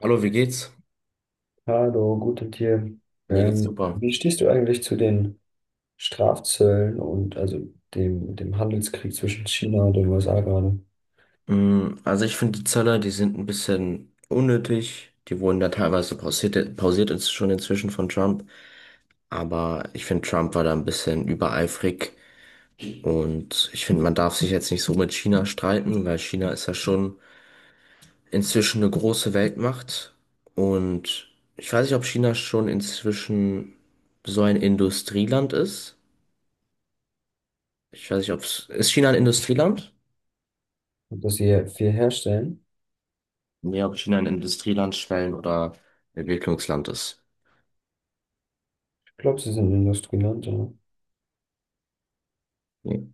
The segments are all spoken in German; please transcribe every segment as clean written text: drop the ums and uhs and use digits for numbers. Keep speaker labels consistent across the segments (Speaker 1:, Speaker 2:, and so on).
Speaker 1: Hallo, wie geht's?
Speaker 2: Hallo, gute Tag.
Speaker 1: Mir geht's
Speaker 2: Ähm,
Speaker 1: super.
Speaker 2: wie stehst du eigentlich zu den Strafzöllen und also dem Handelskrieg zwischen China und den USA gerade?
Speaker 1: Mm, also ich finde, die Zölle, die sind ein bisschen unnötig. Die wurden da teilweise pausiert ist schon inzwischen von Trump. Aber ich finde, Trump war da ein bisschen übereifrig. Und ich finde, man darf sich jetzt nicht so mit China streiten, weil China ist ja schon inzwischen eine große Weltmacht. Und ich weiß nicht, ob China schon inzwischen so ein Industrieland ist. Ich weiß nicht. Ist China ein Industrieland?
Speaker 2: Und dass sie hier viel herstellen?
Speaker 1: Nee, ob China ein Industrieland, Schwellen- oder Entwicklungsland ist.
Speaker 2: Ich glaube, sie sind Industrieland, oder?
Speaker 1: Nee.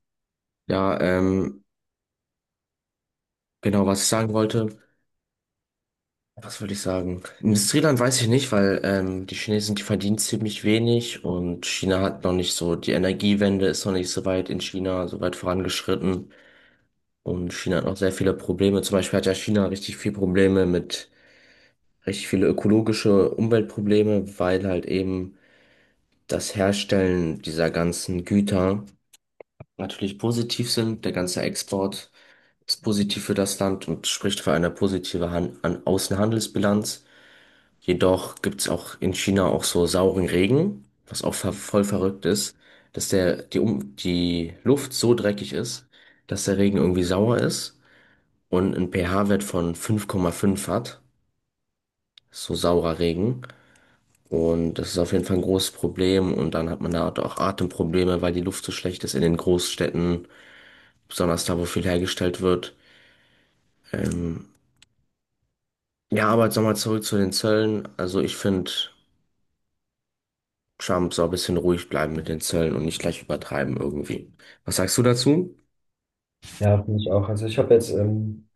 Speaker 1: Ja, genau, was ich sagen wollte, was wollte ich sagen? Industrieland weiß ich nicht, weil die Chinesen, die verdienen ziemlich wenig und China hat noch nicht so, die Energiewende ist noch nicht so weit in China, so weit vorangeschritten und China hat noch sehr viele Probleme. Zum Beispiel hat ja China richtig viele Probleme mit, richtig viele ökologische Umweltprobleme, weil halt eben das Herstellen dieser ganzen Güter natürlich positiv sind. Der ganze Export ist positiv für das Land und spricht für eine positive Han an Außenhandelsbilanz. Jedoch gibt es auch in China auch so sauren Regen, was auch ver voll verrückt ist, dass der, die, um die Luft so dreckig ist, dass der Regen irgendwie sauer ist und einen pH-Wert von 5,5 hat. So saurer Regen. Und das ist auf jeden Fall ein großes Problem. Und dann hat man da auch Atemprobleme, weil die Luft so schlecht ist in den Großstädten, besonders da, wo viel hergestellt wird. Ähm, ja, aber jetzt nochmal zurück zu den Zöllen. Also ich finde, Trump soll ein bisschen ruhig bleiben mit den Zöllen und nicht gleich übertreiben irgendwie. Was sagst du dazu?
Speaker 2: Ja, finde ich auch. Also ich habe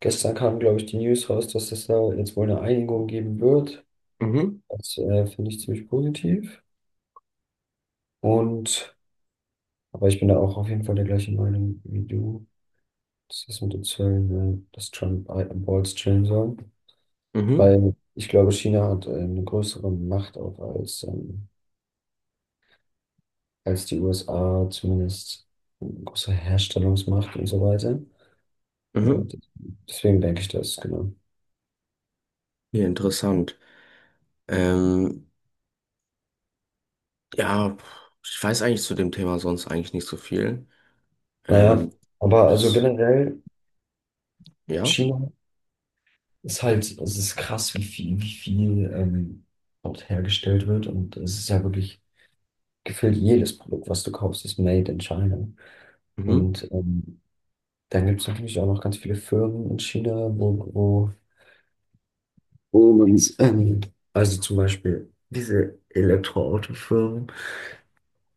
Speaker 2: gestern kam, glaube ich, die News raus, dass es da jetzt wohl eine Einigung geben wird.
Speaker 1: Mhm,
Speaker 2: Das finde ich ziemlich positiv. Und, aber ich bin da auch auf jeden Fall der gleichen Meinung wie du, dass das ist mit den Zöllen, dass Trump Balls chillen soll.
Speaker 1: mhm,
Speaker 2: Weil ich glaube, China hat eine größere Macht auch als die USA, zumindest eine große Herstellungsmacht und so weiter.
Speaker 1: mhm.
Speaker 2: Und deswegen denke ich das, genau.
Speaker 1: Ja, interessant. Ähm, ja, ich weiß eigentlich zu dem Thema sonst eigentlich nicht so viel.
Speaker 2: Naja,
Speaker 1: Ähm,
Speaker 2: aber also
Speaker 1: bis,
Speaker 2: generell,
Speaker 1: ja,
Speaker 2: China ist halt, es ist krass, wie viel, wie viel dort hergestellt wird. Und es ist ja wirklich gefühlt jedes Produkt, was du kaufst, ist made in China.
Speaker 1: mhm,
Speaker 2: Und dann gibt es natürlich auch noch ganz viele Firmen in China, wo, wo Und also zum Beispiel diese Elektroautofirmen,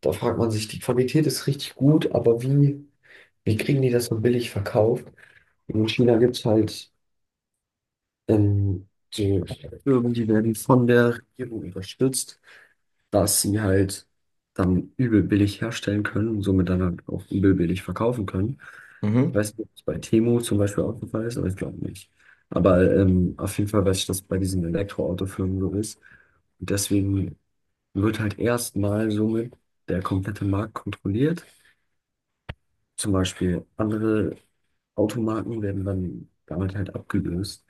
Speaker 2: da fragt man sich, die Qualität ist richtig gut, aber wie kriegen die das so billig verkauft? In China gibt es halt so Firmen, die werden von der Regierung unterstützt, dass sie halt dann übel billig herstellen können und somit dann halt auch übel billig verkaufen können. Ich
Speaker 1: mhm,
Speaker 2: weiß nicht, ob es bei Temu zum Beispiel auch der Fall ist, aber ich glaube nicht. Aber auf jeden Fall weiß ich, dass bei diesen Elektroautofirmen so ist. Und deswegen wird halt erstmal somit der komplette Markt kontrolliert. Zum Beispiel andere Automarken werden dann damit halt abgelöst.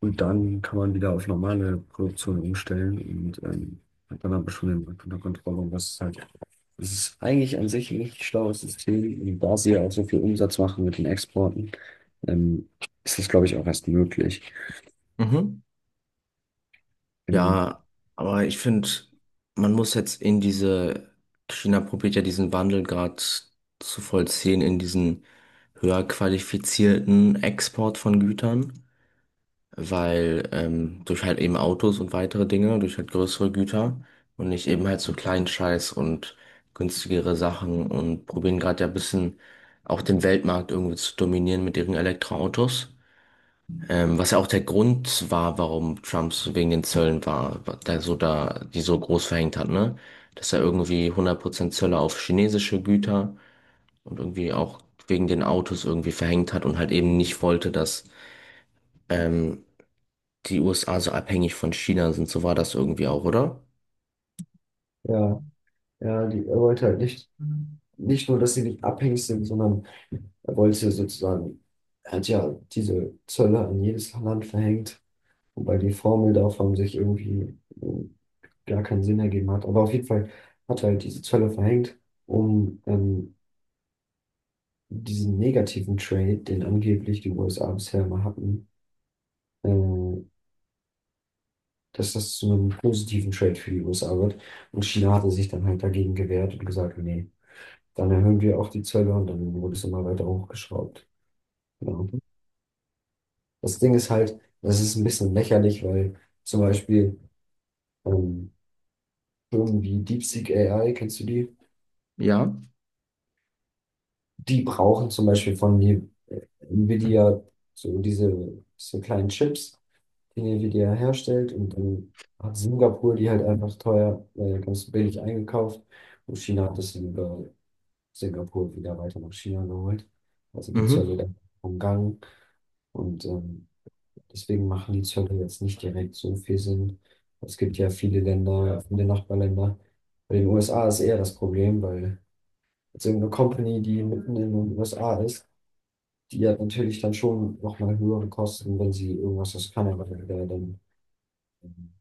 Speaker 2: Und dann kann man wieder auf normale Produktion umstellen und hat dann aber schon den Markt unter Kontrolle. Und das ist halt, es ist eigentlich an sich ein richtig schlaues System. Und da sie ja auch so viel Umsatz machen mit den Exporten, ähm, ist das, glaube ich, auch erst möglich.
Speaker 1: mhm.
Speaker 2: Genau.
Speaker 1: Ja, aber ich finde, man muss jetzt in diese, China probiert ja diesen Wandel gerade zu vollziehen in diesen höher qualifizierten Export von Gütern, weil durch halt eben Autos und weitere Dinge, durch halt größere Güter und nicht eben halt so kleinen Scheiß und günstigere Sachen und probieren gerade ja ein bisschen auch den Weltmarkt irgendwie zu dominieren mit ihren Elektroautos. Was ja auch der Grund war, warum Trumps wegen den Zöllen war, da so da, die so groß verhängt hat, ne? Dass er irgendwie 100% Zölle auf chinesische Güter und irgendwie auch wegen den Autos irgendwie verhängt hat und halt eben nicht wollte, dass ähm, die USA so abhängig von China sind. So war das irgendwie auch, oder?
Speaker 2: Ja, ja, die, er wollte halt nicht, nicht nur, dass sie nicht abhängig sind, sondern er wollte sozusagen, er hat ja diese Zölle an jedes Land verhängt, wobei die Formel davon sich irgendwie gar keinen Sinn ergeben hat. Aber auf jeden Fall hat er halt diese Zölle verhängt, um diesen negativen Trade, den angeblich die USA bisher immer hatten, äh, dass das zu einem positiven Trade für die USA wird. Und China hatte sich dann halt dagegen gewehrt und gesagt, nee, dann erhöhen wir auch die Zölle und dann wurde es immer weiter hochgeschraubt. Genau. Das Ding ist halt, das ist ein bisschen lächerlich, weil zum Beispiel ähm, Firmen wie DeepSeek AI, kennst du die?
Speaker 1: Ja.
Speaker 2: Die brauchen zum Beispiel von mir äh, Nvidia so diese kleinen Chips, die Nvidia herstellt. Und dann hat Singapur die halt einfach ganz billig eingekauft. Und China hat das dann über Singapur wieder weiter nach China geholt. Also die
Speaker 1: Mhm.
Speaker 2: Zölle dann umgangen. Und deswegen machen die Zölle jetzt nicht direkt so viel Sinn. Es gibt ja viele Länder, viele Nachbarländer. Bei den USA ist eher das Problem, weil jetzt irgendeine Company, die mitten in den USA ist, die ja natürlich dann schon nochmal höhere Kosten, wenn sie irgendwas aus Kanada oder dann ähm,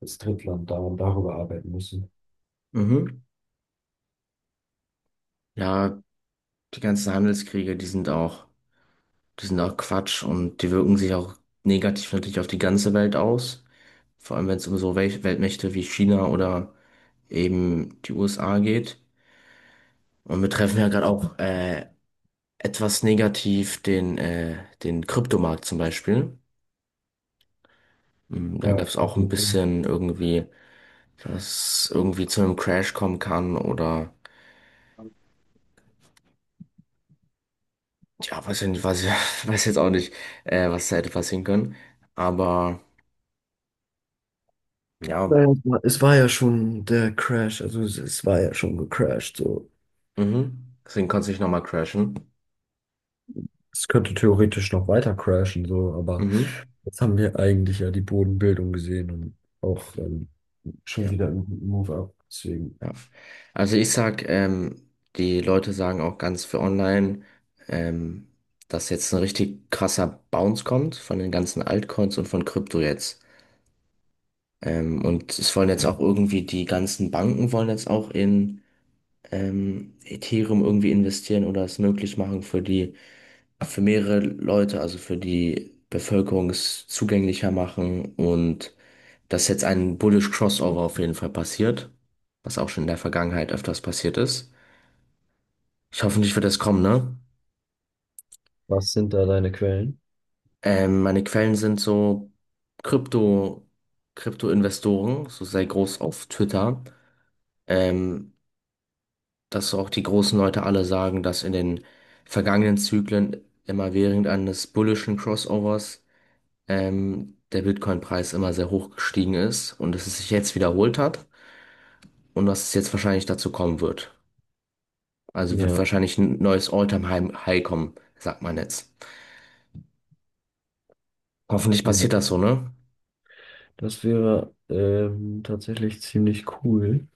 Speaker 2: als Drittland da und darüber arbeiten müssen.
Speaker 1: Mhm. Ja, die ganzen Handelskriege, die sind auch. Die sind auch Quatsch und die wirken sich auch negativ natürlich auf die ganze Welt aus. Vor allem, wenn es um so Weltmächte wie China oder eben die USA geht. Und wir treffen ja gerade auch etwas negativ den Kryptomarkt zum Beispiel. Mm, da gab
Speaker 2: Ja,
Speaker 1: es
Speaker 2: auf
Speaker 1: auch ein
Speaker 2: jeden Fall.
Speaker 1: bisschen irgendwie, dass irgendwie zu einem Crash kommen kann oder ja, weiß ich nicht. Weiß jetzt auch nicht, was da hätte passieren können. Aber ja,
Speaker 2: Naja, es war ja schon der Crash, also es war ja schon gecrashed, so.
Speaker 1: mhm. Deswegen konnte es nicht nochmal crashen.
Speaker 2: Es könnte theoretisch noch weiter crashen, so, aber
Speaker 1: Mhm.
Speaker 2: jetzt haben wir eigentlich ja die Bodenbildung gesehen und auch schon
Speaker 1: Ja,
Speaker 2: wieder einen guten Move up. Deswegen.
Speaker 1: ja. Also ich sag, die Leute sagen auch ganz für online, ähm, dass jetzt ein richtig krasser Bounce kommt von den ganzen Altcoins und von Krypto jetzt. Und es wollen jetzt auch irgendwie die ganzen Banken wollen jetzt auch in Ethereum irgendwie investieren oder es möglich machen für mehrere Leute, also für die Bevölkerung es zugänglicher machen und dass jetzt ein Bullish Crossover auf jeden Fall passiert, was auch schon in der Vergangenheit öfters passiert ist. Ich hoffe nicht, wird das kommen, ne?
Speaker 2: Was sind da deine Quellen?
Speaker 1: Meine Quellen sind so Krypto, Krypto-Investoren, so sehr groß auf Twitter, ähm, dass auch die großen Leute alle sagen, dass in den vergangenen Zyklen immer während eines bullischen Crossovers der Bitcoin-Preis immer sehr hoch gestiegen ist und dass es sich jetzt wiederholt hat und dass es jetzt wahrscheinlich dazu kommen wird. Also wird
Speaker 2: Ja.
Speaker 1: wahrscheinlich ein neues All-Time-High kommen, sagt man jetzt. Hoffentlich passiert
Speaker 2: Ja.
Speaker 1: das so, ne?
Speaker 2: Das wäre tatsächlich ziemlich cool,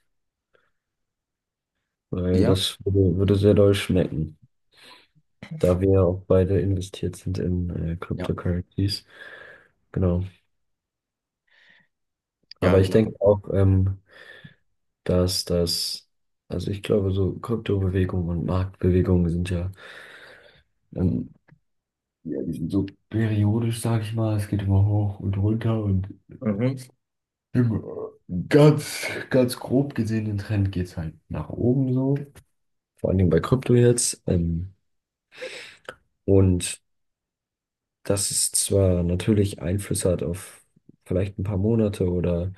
Speaker 2: weil
Speaker 1: Ja?
Speaker 2: das würde sehr doll schmecken, da wir ja auch beide investiert sind in
Speaker 1: Ja,
Speaker 2: Cryptocurrencies. Genau.
Speaker 1: ja,
Speaker 2: Aber ich
Speaker 1: genau.
Speaker 2: denke auch, dass das, also ich glaube, so Kryptobewegungen und Marktbewegungen sind ja, ähm, ja, die sind so periodisch, sage ich mal. Es geht immer hoch und runter und
Speaker 1: Mhm.
Speaker 2: ganz, ganz grob gesehen, den Trend geht es halt nach oben so. Vor allen Dingen bei Krypto jetzt. Und dass es zwar natürlich Einfluss hat auf vielleicht ein paar Monate oder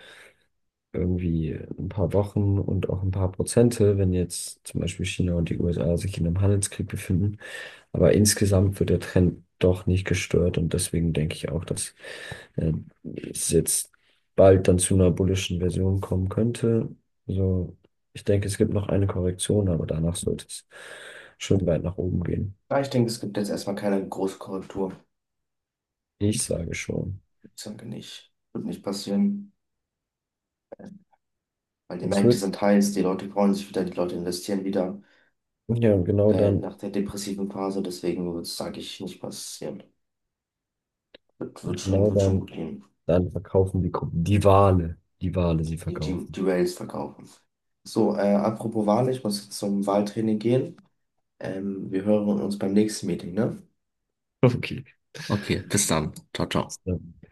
Speaker 2: irgendwie ein paar Wochen und auch ein paar Prozente, wenn jetzt zum Beispiel China und die USA sich in einem Handelskrieg befinden, aber insgesamt wird der Trend doch nicht gestört und deswegen denke ich auch, dass äh, es jetzt bald dann zu einer bullischen Version kommen könnte. Also ich denke, es gibt noch eine Korrektion, aber danach sollte es schon weit nach oben gehen.
Speaker 1: Ja, ich denke, es gibt jetzt erstmal keine große Korrektur.
Speaker 2: Ich sage schon.
Speaker 1: Ich denke nicht. Wird nicht passieren. Weil die
Speaker 2: Es
Speaker 1: Märkte
Speaker 2: wird,
Speaker 1: sind heiß, die Leute freuen sich wieder, die Leute investieren wieder.
Speaker 2: ja, genau dann.
Speaker 1: Nach der depressiven Phase, deswegen wird es, sage ich, nicht passieren. Wird, wird
Speaker 2: Und
Speaker 1: schon,
Speaker 2: genau
Speaker 1: wird schon
Speaker 2: dann,
Speaker 1: gut gehen.
Speaker 2: dann verkaufen die, Gruppen die Wale sie
Speaker 1: Die, die,
Speaker 2: verkaufen.
Speaker 1: die Rails verkaufen. So, apropos Wahl, ich muss jetzt zum Wahltraining gehen. Wir hören uns beim nächsten Meeting, ne?
Speaker 2: Okay.
Speaker 1: Okay, bis dann. Ciao, ciao.
Speaker 2: Ja.